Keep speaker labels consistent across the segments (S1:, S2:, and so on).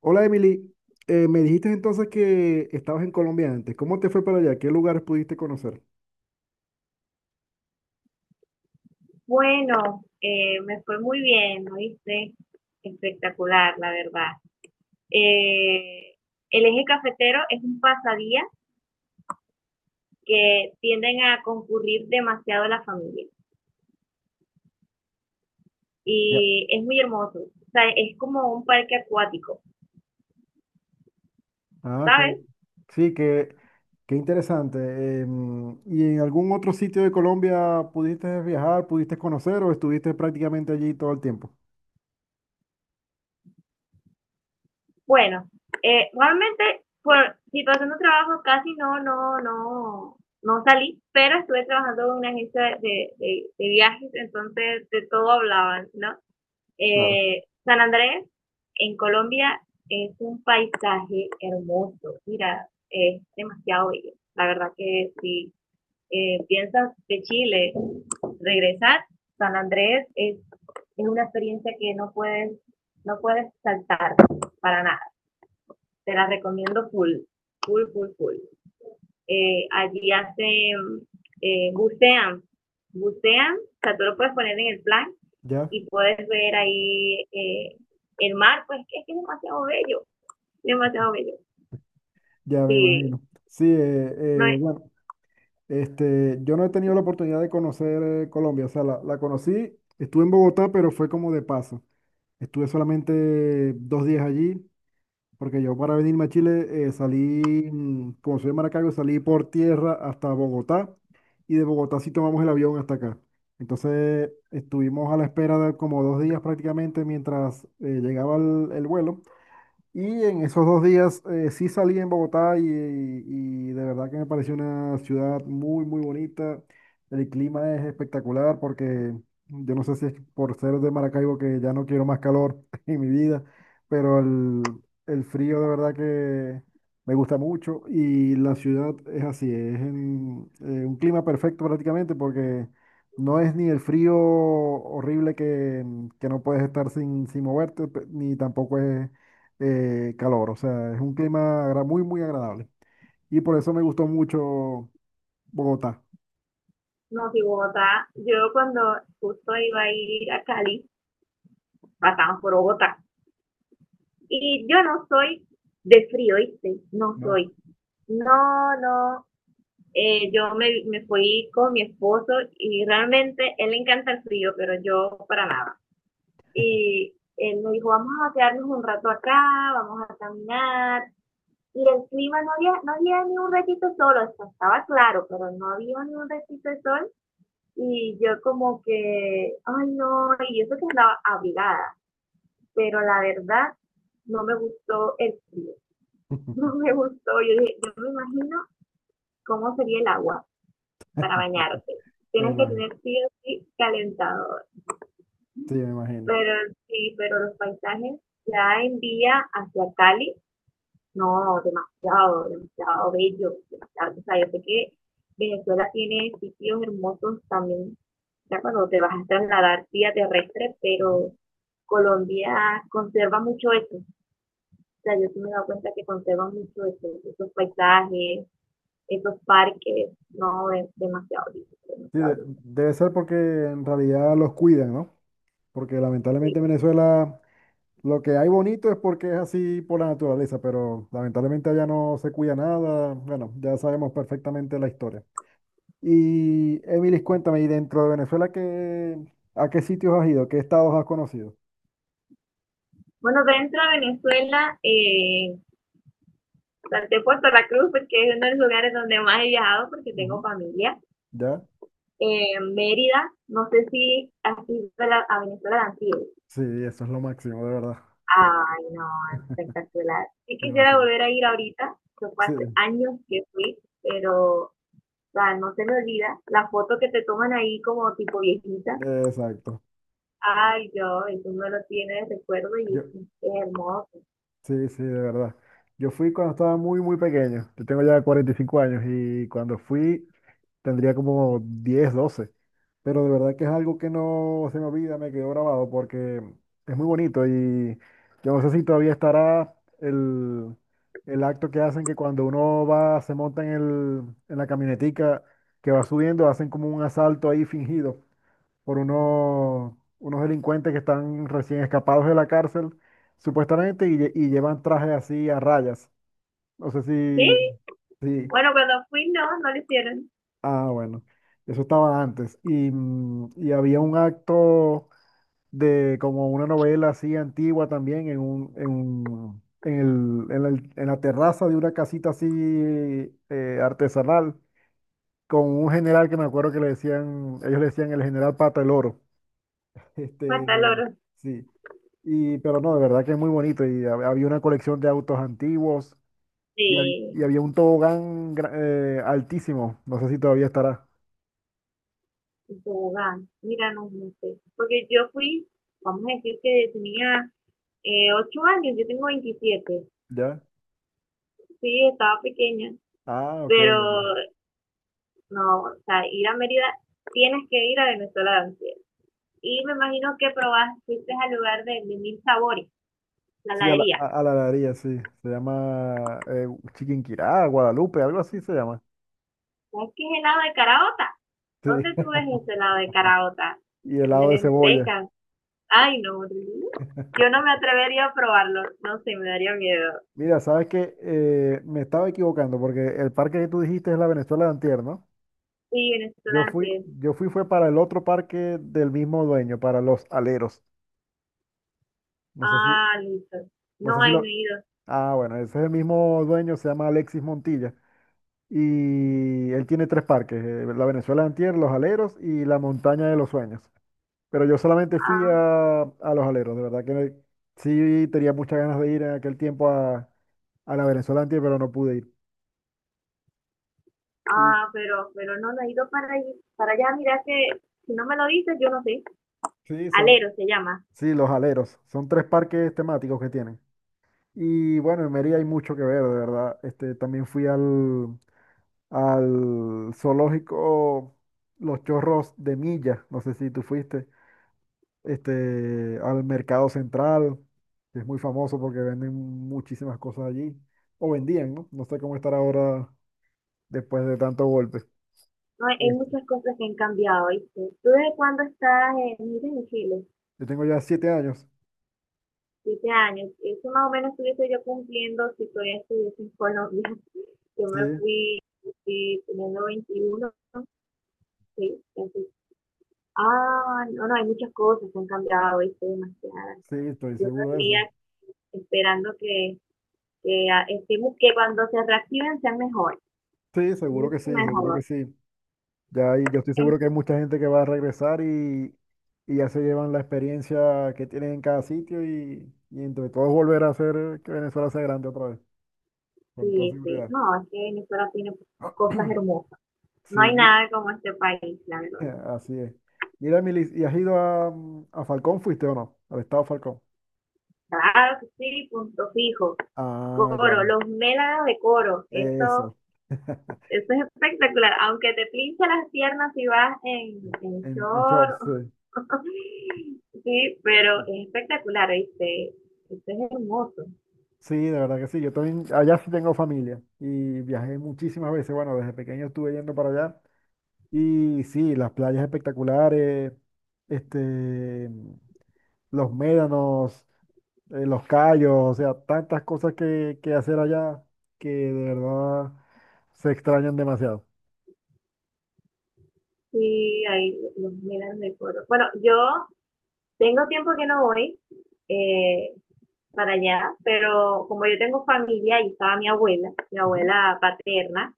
S1: Hola Emily. Me dijiste entonces que estabas en Colombia antes. ¿Cómo te fue para allá? ¿Qué lugares pudiste conocer?
S2: Bueno, me fue muy bien, ¿no viste? Espectacular, la verdad. Eh, el eje cafetero es un pasadía que tienden a concurrir demasiado la familia
S1: Ya.
S2: y es muy hermoso. O sea, es como un parque acuático,
S1: Ah,
S2: ¿sabes?
S1: sí, qué interesante. ¿Y en algún otro sitio de Colombia pudiste viajar, pudiste conocer o estuviste prácticamente allí todo el tiempo?
S2: Bueno, realmente por situación de trabajo casi no, no salí, pero estuve trabajando en una agencia de viajes, entonces de todo hablaban, ¿no?
S1: Claro,
S2: San Andrés, en Colombia, es un paisaje hermoso. Mira, es demasiado bello. La verdad que si piensas de Chile regresar, San Andrés es una experiencia que no puedes saltar para nada. Te la recomiendo full, full. Allí hacen, eh, bucean, bucean, o sea, tú lo puedes poner en el plan
S1: ya,
S2: y puedes ver ahí el mar, pues es que es demasiado bello, demasiado bello.
S1: ya me
S2: Sí,
S1: imagino. Sí,
S2: no, es-
S1: bueno, yo no he tenido la oportunidad de conocer Colombia, o sea, la conocí, estuve en Bogotá, pero fue como de paso. Estuve solamente dos días allí. Porque yo para venirme a Chile salí, como soy de Maracaibo, salí por tierra hasta Bogotá y de Bogotá sí tomamos el avión hasta acá. Entonces estuvimos a la espera de como dos días prácticamente mientras llegaba el vuelo y en esos dos días sí salí en Bogotá y de verdad que me pareció una ciudad muy, muy bonita. El clima es espectacular porque yo no sé si es por ser de Maracaibo que ya no quiero más calor en mi vida, pero el frío de verdad que me gusta mucho y la ciudad es así, un clima perfecto prácticamente porque no es ni el frío horrible que no puedes estar sin moverte, ni tampoco es calor, o sea, es un muy, muy agradable. Y por eso me gustó mucho Bogotá,
S2: no, si Bogotá, yo cuando justo iba a ir a Cali, pasamos por Bogotá. Y yo no soy de frío, ¿viste? No
S1: ¿no?
S2: soy. No, no. Yo me fui con mi esposo y realmente él le encanta el frío, pero yo para nada. Y él me dijo, vamos a quedarnos un rato acá, vamos a caminar. Y el clima, no había ni un ratito de sol, o sea, estaba claro, pero no había ni un ratito de sol. Y yo como que, ay no, y eso que andaba abrigada, pero la verdad no me gustó el frío, no me gustó. Yo dije, yo me imagino cómo sería el agua para bañarte.
S1: Me
S2: Tienes que
S1: imagino,
S2: tener sí o sí calentador.
S1: sí, me imagino.
S2: Pero sí, pero los paisajes ya en día hacia Cali. No, demasiado, demasiado bello, demasiado. O sea, yo sé que Venezuela tiene sitios hermosos también, ya cuando te vas a trasladar vía terrestre,
S1: Ujú.
S2: pero Colombia conserva mucho eso. O sea, yo sí me he dado cuenta que conserva mucho eso, esos paisajes, esos parques, no, es demasiado lindo,
S1: Sí,
S2: demasiado lindo.
S1: debe ser porque en realidad los cuidan, ¿no? Porque
S2: Sí.
S1: lamentablemente en Venezuela lo que hay bonito es porque es así por la naturaleza, pero lamentablemente allá no se cuida nada. Bueno, ya sabemos perfectamente la historia. Y Emilis, cuéntame, ¿y dentro de Venezuela a qué sitios has ido? ¿Qué estados has conocido?
S2: Bueno, dentro de Venezuela, salté Puerto La Cruz porque es uno de los lugares donde más he viajado porque tengo
S1: Ujú.
S2: familia.
S1: ¿Ya?
S2: Mérida, no sé si has ido a Venezuela de Antilles.
S1: Sí, eso es lo máximo, de verdad.
S2: Ay, no, espectacular. Sí quisiera
S1: Demasiado.
S2: volver a ir ahorita, que fue
S1: Sí,
S2: hace años que fui, pero o sea, no se me olvida la foto que te toman ahí como tipo viejita.
S1: exacto.
S2: Ay, yo, eso me lo tiene de recuerdo y
S1: Yo,
S2: es hermoso.
S1: sí, sí, de verdad. Yo fui cuando estaba muy, muy pequeño. Yo tengo ya 45 años y cuando fui tendría como 10, 12. Pero de verdad que es algo que no se me olvida, me quedó grabado porque es muy bonito y yo no sé si todavía estará el, el acto que hacen que cuando uno va, se monta en en la camionetica que va subiendo, hacen como un asalto ahí fingido por unos delincuentes que están recién escapados de la cárcel, supuestamente, y, y llevan trajes así a rayas. No sé
S2: Sí,
S1: si,
S2: bueno, cuando fui no, no lo hicieron.
S1: ah, bueno, eso estaba antes. Y, y había un acto de como una novela así antigua también en en la terraza de una casita así artesanal, con un general que me acuerdo que le decían, ellos le decían el general Pata el Oro.
S2: Hasta el
S1: Este,
S2: oro.
S1: sí. Y, pero no, de verdad que es muy bonito. Y había una colección de autos antiguos y,
S2: Sí,
S1: y había un tobogán altísimo. No sé si todavía estará.
S2: en tobogán. Mira, no, no sé. Porque yo fui, vamos a decir que tenía 8 años, yo tengo 27.
S1: ¿Ya?
S2: Sí, estaba pequeña,
S1: Ah, ok.
S2: pero no, o sea, ir a Mérida, tienes que ir a Venezuela de Ansiedad. Y me imagino que probaste, fuiste al lugar de Mil Sabores, la
S1: Sí,
S2: heladería.
S1: a la heladería, sí. Se llama Chiquinquirá, Guadalupe, algo así se llama.
S2: ¿Sabes qué es helado de caraota?
S1: Sí.
S2: ¿Dónde tú ves ese helado de caraota?
S1: Y
S2: De
S1: helado de cebolla.
S2: lentejas. Ay, no, yo no me atrevería a probarlo. No sé, me daría miedo.
S1: Mira, sabes que me estaba equivocando porque el parque que tú dijiste es la Venezuela de antier, ¿no?
S2: Sí, Venezuela de Ansiedad.
S1: Yo fui fue para el otro parque del mismo dueño, para los aleros. No sé si,
S2: Ah, listo.
S1: no
S2: No
S1: sé si
S2: hay, no he
S1: lo.
S2: ido.
S1: Ah, bueno, ese es el mismo dueño, se llama Alexis Montilla. Y él tiene 3 parques, la Venezuela Antier, Los Aleros y la Montaña de los Sueños. Pero yo solamente fui
S2: Ah,
S1: a Los Aleros, de verdad que sí tenía muchas ganas de ir en aquel tiempo a la Venezuela Antier, pero no pude ir. Y
S2: ah, pero no, no he ido para allá. Mira que si no me lo dices, yo no sé.
S1: sí, son,
S2: Alero se llama.
S1: sí, Los Aleros, son 3 parques temáticos que tienen. Y bueno, en Mérida hay mucho que ver, de verdad. También fui al zoológico Los Chorros de Milla, no sé si tú fuiste, al Mercado Central, que es muy famoso porque venden muchísimas cosas allí, o vendían, ¿no? No sé cómo estar ahora después de tanto golpe.
S2: No, hay
S1: Este,
S2: muchas cosas que han cambiado, ¿viste? ¿Tú desde cuándo estás en, mira, en Chile?
S1: yo tengo ya 7 años,
S2: 7 años. Eso más o menos estuviese yo cumpliendo si todavía estuviese en Colombia. Yo
S1: sí,
S2: me fui, fui teniendo 21, ¿no? Sí, así. Ah, no, no, hay muchas cosas que han cambiado, ¿viste? Demasiadas.
S1: sí, estoy
S2: Yo
S1: seguro de
S2: estaría
S1: eso.
S2: esperando que, estemos, que cuando se reactiven sean mejores,
S1: Sí, seguro que
S2: mucho
S1: sí, seguro
S2: mejor.
S1: que sí. Ya, yo estoy seguro que hay mucha gente que va a regresar y ya se llevan la experiencia que tienen en cada sitio y entre todos volver a hacer que Venezuela sea grande otra vez, con toda
S2: Sí, sí,
S1: seguridad.
S2: no, es que Venezuela tiene cosas hermosas.
S1: Sí,
S2: No hay nada como este país, la verdad.
S1: así es. Mira, Milis, ¿y has ido a, a Falcón? ¿Fuiste o no? Al estado Falcón.
S2: Claro que sí, punto fijo.
S1: Ah, ya,
S2: Coro, los mélanos de coro, eso,
S1: eso.
S2: eso es espectacular. Aunque te pinche las piernas si vas en
S1: En
S2: short,
S1: shorts, sí.
S2: sí, pero es espectacular, ¿viste? Esto es hermoso.
S1: Sí, de verdad que sí. Yo también, allá sí tengo familia y viajé muchísimas veces. Bueno, desde pequeño estuve yendo para allá. Y sí, las playas espectaculares, este, los médanos, los callos, o sea, tantas cosas que hacer allá que de verdad se extrañan demasiado.
S2: Sí, hay los mélanos de coro. Bueno, yo tengo tiempo que no voy. Eh, para allá, pero como yo tengo familia y estaba mi abuela paterna,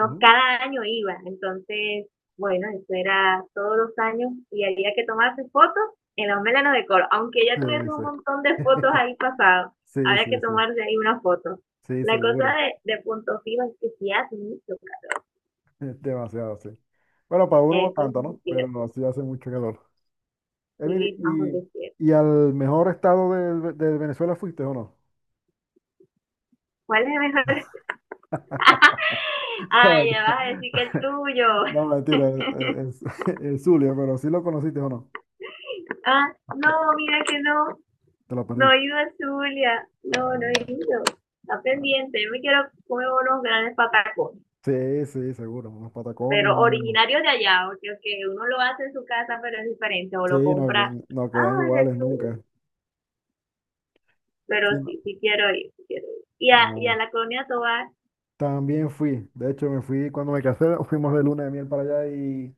S1: Ujú, ujú.
S2: cada año iba, entonces, bueno, eso era todos los años y había que tomarse fotos en los melanos de coro, aunque ya tuviese
S1: Sí, sí.
S2: un montón de fotos ahí pasadas,
S1: Sí,
S2: había
S1: sí,
S2: que
S1: sí.
S2: tomarse ahí una foto.
S1: Sí,
S2: La cosa
S1: seguro.
S2: de punto fijo es que sí hace mucho.
S1: Demasiado, sí. Bueno, para uno no
S2: Eso es
S1: tanto,
S2: muy
S1: ¿no? Pero
S2: cierto,
S1: no, sí hace mucho calor. Emily,
S2: sí, vamos a
S1: ¿
S2: decir.
S1: y al mejor estado de Venezuela fuiste o no?
S2: ¿Cuál es el mejor? Ay, ya vas a decir que el tuyo.
S1: No, mentira, es Zulia, pero sí lo conociste o no.
S2: Ah, no, mira que no.
S1: Te lo
S2: No
S1: perdiste.
S2: he ido a Zulia, no, no he
S1: Ah,
S2: ido. Está
S1: ah.
S2: pendiente, yo me quiero comer unos grandes patacones,
S1: Sí, sí, seguro. Unos patacones,
S2: pero
S1: unos-
S2: originarios de allá, porque okay, uno lo hace en su casa, pero es diferente, o lo
S1: Sí, no,
S2: compra,
S1: no quedan
S2: ah, de
S1: iguales nunca.
S2: Zulia. Pero
S1: Sí, no.
S2: sí, sí quiero ir, sí quiero ir. Y
S1: Ah,
S2: a la colonia Tobar,
S1: también fui. De hecho, me fui cuando me casé, fuimos de luna de miel para allá y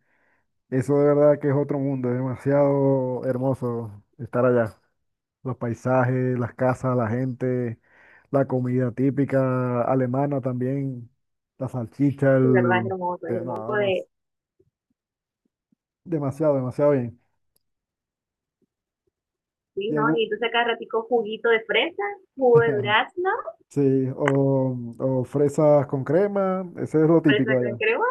S1: eso de verdad que es otro mundo. Es demasiado hermoso estar allá. Los paisajes, las casas, la gente, la comida típica alemana también, la salchicha,
S2: sí, verdad,
S1: el...
S2: es
S1: de
S2: hermoso
S1: Nada más.
S2: de,
S1: Demasiado, demasiado bien.
S2: sí,
S1: Y
S2: ¿no?
S1: algo,
S2: Y entonces acá ratico juguito de fresa, jugo de durazno,
S1: sí, o fresas con crema, ese es lo típico
S2: fresa
S1: de
S2: con
S1: allá.
S2: crema.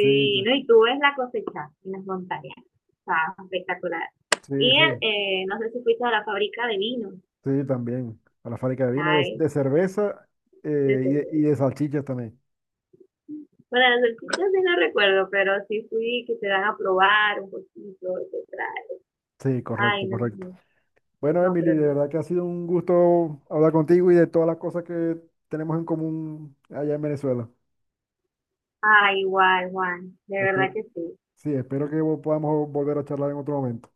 S1: Sí, t-
S2: no, y tú ves la cosecha en las montañas, está espectacular.
S1: sí,
S2: Y el,
S1: sí,
S2: no sé si fuiste a la fábrica de vino.
S1: sí, también. A la fábrica de vino,
S2: Ay,
S1: de cerveza
S2: sí, sí,
S1: y, y
S2: sí.
S1: de salchichas también.
S2: Bueno, las salchichas sí no recuerdo, pero sí fui que te dan a probar un poquito, te trae.
S1: Sí,
S2: Ay,
S1: correcto,
S2: no, no,
S1: correcto.
S2: no,
S1: Bueno,
S2: no,
S1: Emily,
S2: pero
S1: de
S2: no.
S1: verdad que ha sido un gusto hablar contigo y de todas las cosas que tenemos en común allá en Venezuela.
S2: Ay, guay, Juan, de verdad
S1: Espero,
S2: que sí.
S1: sí, espero que podamos volver a charlar en otro momento.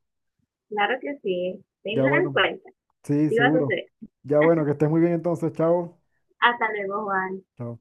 S2: Claro que sí.
S1: Ya
S2: Tengan en
S1: bueno,
S2: cuenta,
S1: sí,
S2: sí va a
S1: seguro.
S2: suceder.
S1: Ya bueno, que estés muy bien entonces, chao.
S2: Hasta luego, Juan.
S1: Chao.